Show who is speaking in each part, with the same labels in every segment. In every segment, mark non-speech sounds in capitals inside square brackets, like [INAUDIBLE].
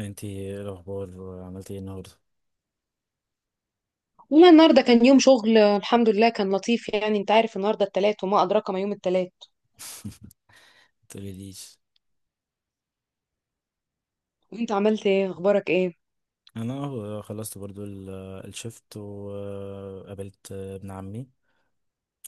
Speaker 1: انتي ايه الاخبار؟ عملتي ايه النهارده؟
Speaker 2: والله النهارده كان يوم شغل الحمد لله كان لطيف. يعني انت عارف النهارده التلات وما ادراك ما يوم التلات.
Speaker 1: [LAUGHS] متقوليليش.
Speaker 2: وانت عملت ايه؟ اخبارك ايه؟
Speaker 1: انا اهو خلصت برضو الشفت وقابلت ابن عمي.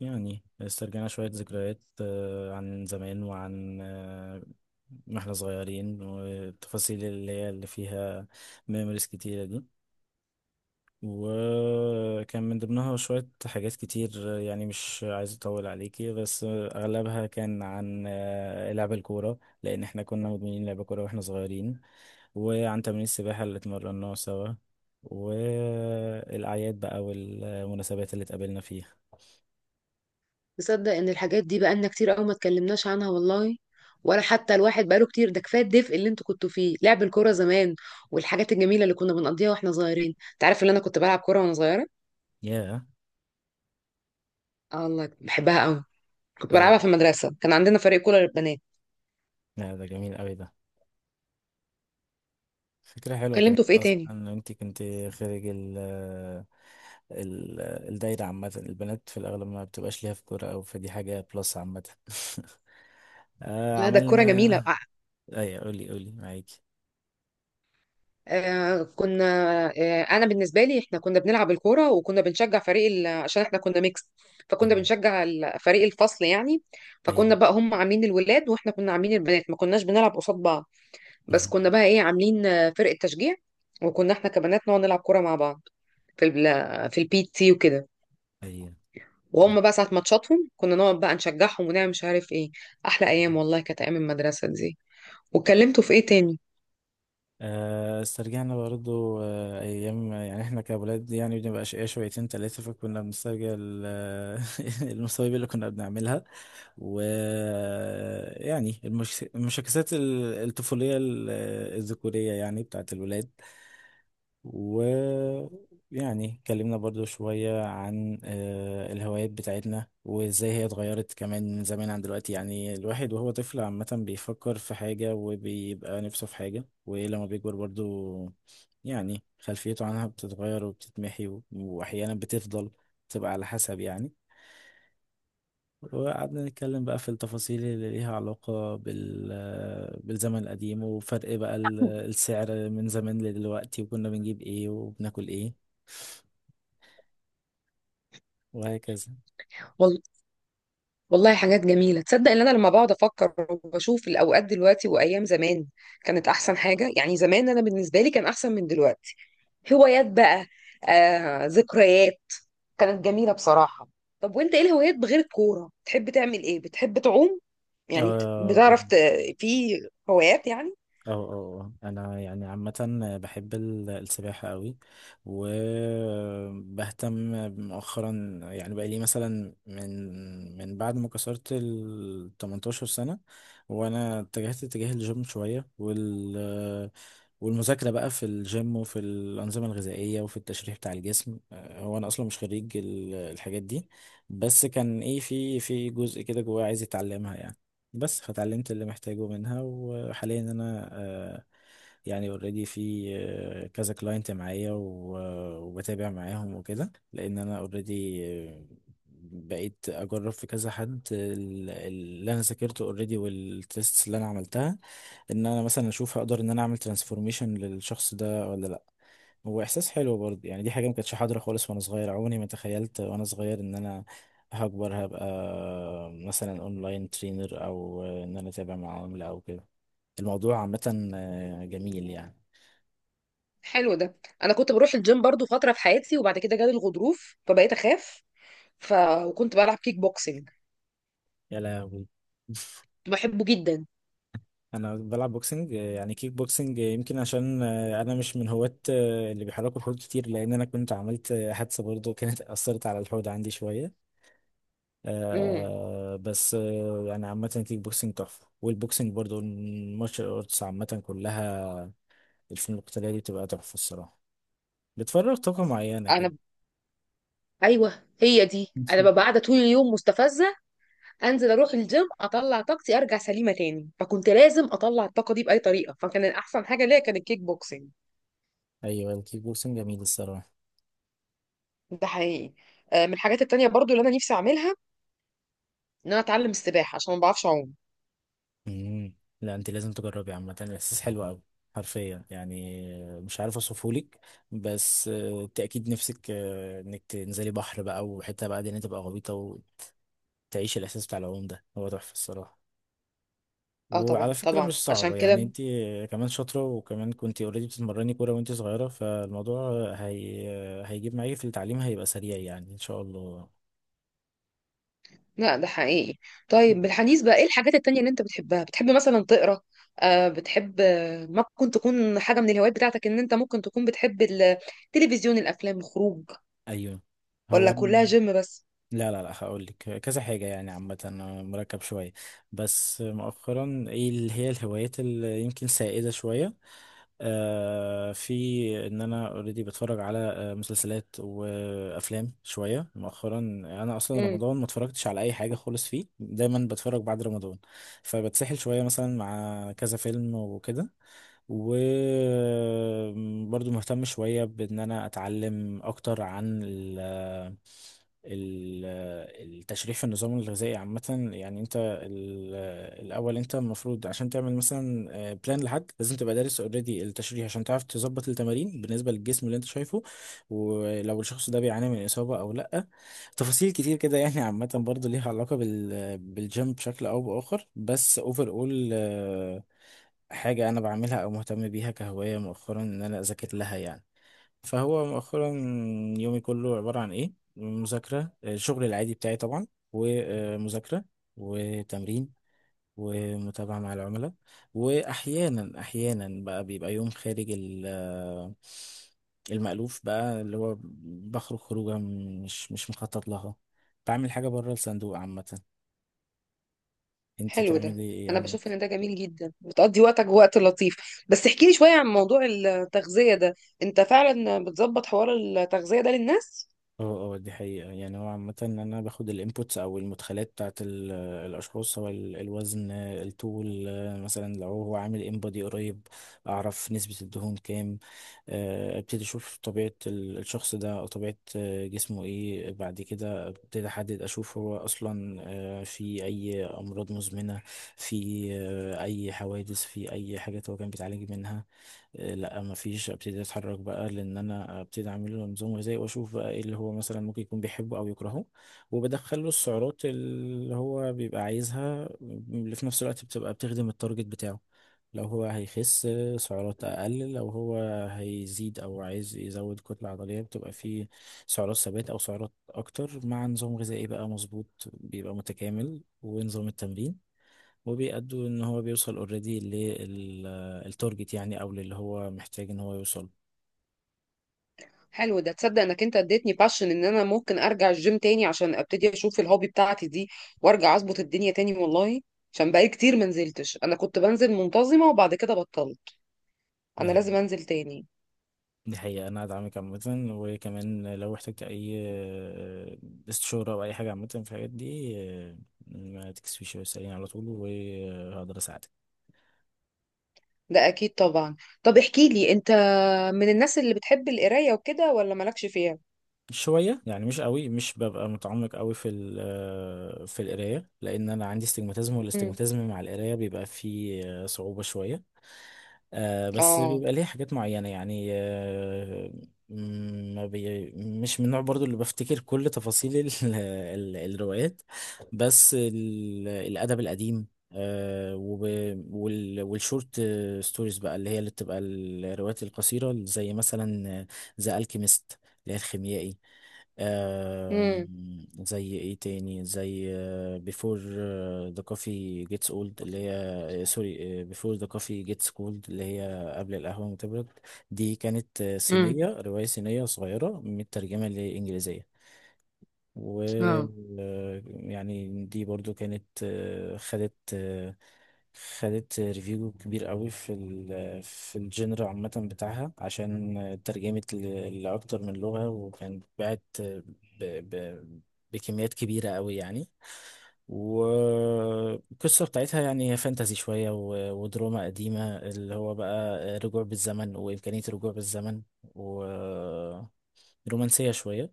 Speaker 1: يعني استرجعنا شوية ذكريات، عن زمان وعن، ما احنا صغيرين والتفاصيل اللي هي اللي فيها ميموريز كتيرة دي. وكان من ضمنها شوية حاجات كتير، يعني مش عايز أطول عليكي، بس أغلبها كان عن لعب الكورة، لأن احنا كنا مدمنين لعب كورة واحنا صغيرين. وعن تمرين السباحة اللي اتمرناه سوا، والأعياد بقى والمناسبات اللي اتقابلنا فيها.
Speaker 2: تصدق ان الحاجات دي بقالنا كتير قوي ما اتكلمناش عنها والله؟ ولا حتى الواحد بقاله كتير. ده كفايه الدفء اللي انتوا كنتوا فيه لعب الكوره زمان والحاجات الجميله اللي كنا بنقضيها واحنا صغيرين. انت عارف ان انا كنت بلعب كوره وانا صغيره؟
Speaker 1: ياه.
Speaker 2: اه الله بحبها قوي. كنت
Speaker 1: حلو.
Speaker 2: بلعبها في المدرسه، كان عندنا فريق كوره للبنات.
Speaker 1: لا ده جميل أوي ده. فكرة حلوة كمان،
Speaker 2: كلمته في ايه تاني؟
Speaker 1: أصلا أنت كنت خارج الدايرة، عامة البنات في الأغلب ما بتبقاش ليها في كورة أو فدي حاجة بلس عامة. [LAUGHS] آه اقول لك
Speaker 2: لا ده الكوره
Speaker 1: عملنا
Speaker 2: جميله.
Speaker 1: بقى. أيوة قولي قولي معاكي.
Speaker 2: آه، كنا آه، انا بالنسبه لي احنا كنا بنلعب الكوره وكنا بنشجع فريق عشان احنا كنا ميكس. فكنا
Speaker 1: أيوة
Speaker 2: بنشجع فريق الفصل يعني.
Speaker 1: أيوة.
Speaker 2: فكنا بقى هم عاملين الولاد واحنا كنا عاملين البنات، ما كناش بنلعب قصاد بعض. بس كنا بقى ايه عاملين فرقه تشجيع. وكنا احنا كبنات نقعد نلعب كوره مع بعض في في البي تي وكده.
Speaker 1: [LAUGHS]
Speaker 2: وهم بقى ساعه ماتشاتهم كنا نقعد بقى نشجعهم ونعمل مش عارف ايه. احلى ايام
Speaker 1: أيوة.
Speaker 2: والله، كانت ايام المدرسه دي. واتكلمتوا في ايه تاني؟
Speaker 1: استرجعنا برضو، أيام يعني إحنا كأولاد يعني بنبقى أشقياء شويتين تلاتة، فكنا بنسترجع [LAUGHS] المصايب اللي كنا بنعملها ويعني المشاكسات الطفولية، الذكورية يعني، بتاعت الولاد. ويعني اتكلمنا برضو شوية عن الهوايات بتاعتنا وازاي هي اتغيرت كمان من زمان عن دلوقتي. يعني الواحد وهو طفل عامة بيفكر في حاجة وبيبقى نفسه في حاجة، ولما بيكبر برضو يعني خلفيته عنها بتتغير وبتتمحي وأحيانا بتفضل، تبقى على حسب يعني. وقعدنا نتكلم بقى في التفاصيل اللي ليها علاقة بالزمن القديم وفرق بقى السعر من زمان لدلوقتي وكنا بنجيب ايه وبناكل ايه وهكذا.
Speaker 2: والله حاجات جميلة. تصدق ان انا لما بقعد افكر وبشوف الاوقات دلوقتي وايام زمان كانت احسن حاجة. يعني زمان انا بالنسبة لي كان احسن من دلوقتي. هوايات بقى، ذكريات، كانت جميلة بصراحة. طب وانت ايه الهوايات بغير الكورة؟ بتحب تعمل ايه؟ بتحب تعوم؟ يعني
Speaker 1: اه
Speaker 2: بتعرف في هوايات يعني؟
Speaker 1: اه اه. آه. انا يعني عامة بحب السباحة قوي، وبهتم مؤخرا يعني بقى لي مثلا من بعد ما كسرت ال 18 سنة. وانا اتجهت اتجاه الجيم شوية والمذاكرة بقى في الجيم وفي الأنظمة الغذائية وفي التشريح بتاع الجسم. هو أنا أصلا مش خريج الحاجات دي، بس كان إيه، في جزء كده جوايا عايز أتعلمها يعني، بس فتعلمت اللي محتاجه منها. وحاليا انا، يعني اوريدي في كذا كلاينت معايا وبتابع معاهم وكده، لان انا اوريدي بقيت اجرب في كذا حد اللي انا ذاكرته اوريدي والتيست اللي انا عملتها، ان انا مثلا اشوف هقدر ان انا اعمل ترانسفورميشن للشخص ده ولا. هو احساس حلو برضه يعني، دي حاجه ما كانتش حاضره خالص وانا صغير، عمري ما تخيلت وانا صغير ان انا هكبر هبقى مثلا اونلاين ترينر، او ان انا اتابع مع عملاء او كده. الموضوع عامه جميل يعني.
Speaker 2: حلو ده. انا كنت بروح الجيم برضو فترة في حياتي وبعد كده جالي الغضروف فبقيت اخاف. ف... وكنت بلعب كيك بوكسينج،
Speaker 1: يا لهوي.
Speaker 2: كنت بحبه جدا.
Speaker 1: انا بلعب بوكسنج، يعني كيك بوكسنج، يمكن عشان انا مش من هواة اللي بيحركوا الحوض كتير، لان انا كنت عملت حادثه برضه كانت اثرت على الحوض عندي شويه.
Speaker 2: امم.
Speaker 1: آه بس آه يعني عامة الكيك بوكسنج تحفة، والبوكسنج برضو، المارشال ارتس عامة كلها، الفنون القتالية دي بتبقى تحفة الصراحة، بتفرغ طاقة معينة كده.
Speaker 2: انا ايوه هي دي، انا ببقى قاعده طول اليوم مستفزه، انزل اروح الجيم اطلع طاقتي ارجع سليمه تاني. فكنت لازم اطلع الطاقه دي باي طريقه، فكان احسن حاجه ليا كان الكيك بوكسنج.
Speaker 1: ايوه الكيك بوكسنج جميل الصراحة.
Speaker 2: ده حقيقي. من الحاجات التانية برضو اللي انا نفسي اعملها ان انا اتعلم السباحه عشان ما بعرفش اعوم.
Speaker 1: مم. لا انت لازم تجربي، عامة الاحساس حلو قوي، حرفيا يعني، مش عارف اوصفهولك. بس آه، انت اكيد نفسك، انك تنزلي بحر بقى، وحتة بقى دي إن أنت تبقى غويطة وتعيشي الاحساس بتاع العوم ده، هو تحفة الصراحة.
Speaker 2: اه
Speaker 1: وعلى
Speaker 2: طبعا
Speaker 1: فكرة
Speaker 2: طبعا
Speaker 1: مش
Speaker 2: عشان
Speaker 1: صعبة يعني،
Speaker 2: كده.
Speaker 1: انت كمان شاطرة، وكمان كنت اوريدي بتتمرني كورة وانت صغيرة، فالموضوع هي هيجيب معاكي في التعليم، هيبقى سريع يعني ان شاء الله.
Speaker 2: لا ده حقيقي. طيب بالحديث بقى ايه الحاجات التانية اللي انت بتحبها؟ بتحب مثلا تقرا؟ بتحب ممكن تكون حاجه من الهوايات بتاعتك ان انت ممكن تكون بتحب التلفزيون، الافلام، الخروج؟
Speaker 1: ايوه هو
Speaker 2: ولا كلها
Speaker 1: انا.
Speaker 2: جيم بس؟
Speaker 1: لا هقول لك، كذا حاجة يعني، عامة أنا مركب شوية. بس مؤخرا ايه اللي هي الهوايات اللي يمكن سائدة شوية؟ آه، في ان انا اوريدي بتفرج على مسلسلات وافلام شوية مؤخرا. انا اصلا رمضان ما اتفرجتش على اي حاجة خالص، فيه دايما بتفرج بعد رمضان، فبتسحل شوية مثلا مع كذا فيلم وكده. وبرضو مهتم شوية بإن أنا أتعلم أكتر عن ال- التشريح في النظام الغذائي عامة. يعني انت ال- الأول انت المفروض عشان تعمل مثلا بلان لحد، لازم تبقى دارس اوريدي التشريح عشان تعرف تظبط التمارين بالنسبة للجسم اللي انت شايفه، ولو الشخص ده بيعاني من إصابة أو لأ. تفاصيل كتير كده يعني، عامة برضه ليها علاقة بالجيم بشكل أو بآخر، بس اوفر اول حاجة أنا بعملها أو مهتم بيها كهواية مؤخرا، إن أنا أذاكر لها يعني. فهو مؤخرا يومي كله عبارة عن إيه؟ مذاكرة، الشغل العادي بتاعي طبعا، ومذاكرة، وتمرين، ومتابعة مع العملاء. وأحيانا بقى بيبقى يوم خارج المألوف بقى، اللي هو بخرج خروجة مش مخطط لها، بعمل حاجة بره الصندوق عامة. انتي
Speaker 2: حلو ده.
Speaker 1: بتعملي ايه؟
Speaker 2: انا بشوف ان ده جميل جدا، بتقضي وقتك وقت لطيف. بس احكي لي شوية عن موضوع التغذية ده. انت فعلا بتظبط حوار التغذية ده للناس؟
Speaker 1: اه اه، دي حقيقة يعني، هو عامة ان انا باخد الانبوتس او المدخلات بتاعت الاشخاص، سواء الوزن، الطول، مثلا لو هو عامل ان بودي قريب، اعرف نسبة الدهون كام. ابتدي اشوف طبيعة الشخص ده او طبيعة جسمه ايه. بعد كده ابتدي احدد اشوف هو اصلا في اي امراض مزمنة، في اي حوادث، في اي حاجات هو كان بيتعالج منها. إيه، لا ما فيش، ابتدي اتحرك بقى، لان انا ابتدي اعمل له نظام غذائي واشوف بقى ايه اللي هو مثلا ممكن يكون بيحبه او يكرهه، وبدخل له السعرات اللي هو بيبقى عايزها اللي في نفس الوقت بتبقى بتخدم التارجت بتاعه. لو هو هيخس، سعرات اقل، لو هو هيزيد او عايز يزود كتلة عضلية، بتبقى فيه سعرات ثبات او سعرات اكتر، مع نظام غذائي بقى مظبوط بيبقى متكامل ونظام التمرين، وبيأدوا ان هو بيوصل اوريدي للتارجت يعني، او للي هو محتاج ان هو يوصل.
Speaker 2: حلو ده. تصدق انك انت اديتني باشن ان انا ممكن ارجع الجيم تاني عشان ابتدي اشوف الهوبي بتاعتي دي وارجع اظبط الدنيا تاني والله. عشان بقالي كتير ما نزلتش. انا كنت بنزل منتظمة وبعد كده بطلت. انا
Speaker 1: اهي.
Speaker 2: لازم انزل تاني.
Speaker 1: دي حقيقة، انا ادعمك عامة، وكمان لو احتجت اي استشارة او اي حاجة عامة في الحاجات دي، ما تكسفيش واسأليني على طول وهقدر اساعدك.
Speaker 2: ده اكيد طبعا. طب احكي لي انت، من الناس اللي بتحب القراية وكده ولا مالكش فيها؟
Speaker 1: شوية يعني، مش قوي، مش ببقى متعمق قوي في في القراية، لان انا عندي استجماتيزم
Speaker 2: امم.
Speaker 1: والاستجماتيزم مع القراية بيبقى فيه صعوبة شوية. آه بس
Speaker 2: اه.
Speaker 1: بيبقى ليه حاجات معينة يعني آه. ما بي مش من النوع برضو اللي بفتكر كل تفاصيل [LAUGHS] الروايات، بس الأدب القديم آه والشورت ستوريز بقى، اللي هي اللي بتبقى الروايات القصيرة، زي مثلا ذا الكيميست اللي هي الخيميائي. آه، زي ايه تاني، زي بيفور ذا كوفي جيتس اولد، اللي هي سوري، بيفور ذا كوفي جيتس كولد، اللي هي قبل القهوة ما تبرد. دي كانت
Speaker 2: امم.
Speaker 1: صينية، رواية صينية صغيرة مترجمة لإنجليزية. و
Speaker 2: اه.
Speaker 1: يعني دي برضو كانت، خدت ريفيو كبير قوي في في الجنر عامة بتاعها، عشان ترجمت لأكتر من لغة، وكانت باعت ب- ب- بكميات كبيرة قوي يعني. والقصة بتاعتها يعني هي فانتازي شوية ودراما قديمة، اللي هو بقى رجوع بالزمن وإمكانية الرجوع بالزمن، ورومانسية شوية.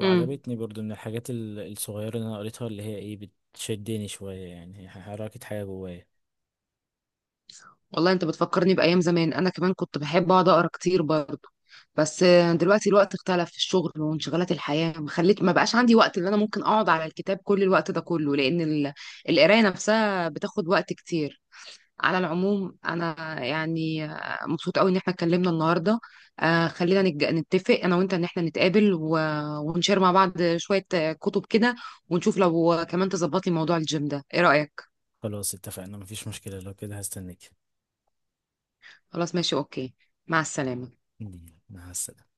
Speaker 2: امم.
Speaker 1: برضو، من الحاجات الصغيرة اللي أنا قريتها، اللي هي إيه، بتشدني شوية يعني، هي حركت حاجة جوايا.
Speaker 2: والله انت بتفكرني بايام زمان. انا كمان كنت بحب اقعد اقرا كتير برضه. بس دلوقتي الوقت اختلف في الشغل وانشغالات الحياه ما بقاش عندي وقت اللي انا ممكن اقعد على الكتاب كل الوقت ده كله. لان القرايه نفسها بتاخد وقت كتير. على العموم، انا يعني مبسوطه قوي ان احنا اتكلمنا النهارده. خلينا نتفق انا وانت ان احنا نتقابل ونشير مع بعض شويه كتب كده. ونشوف لو كمان تظبط لي موضوع الجيم ده، ايه رايك؟
Speaker 1: خلاص اتفقنا، مفيش مشكلة، لو كده هستناك.
Speaker 2: خلاص ماشي اوكي. مع السلامة.
Speaker 1: مع السلامة.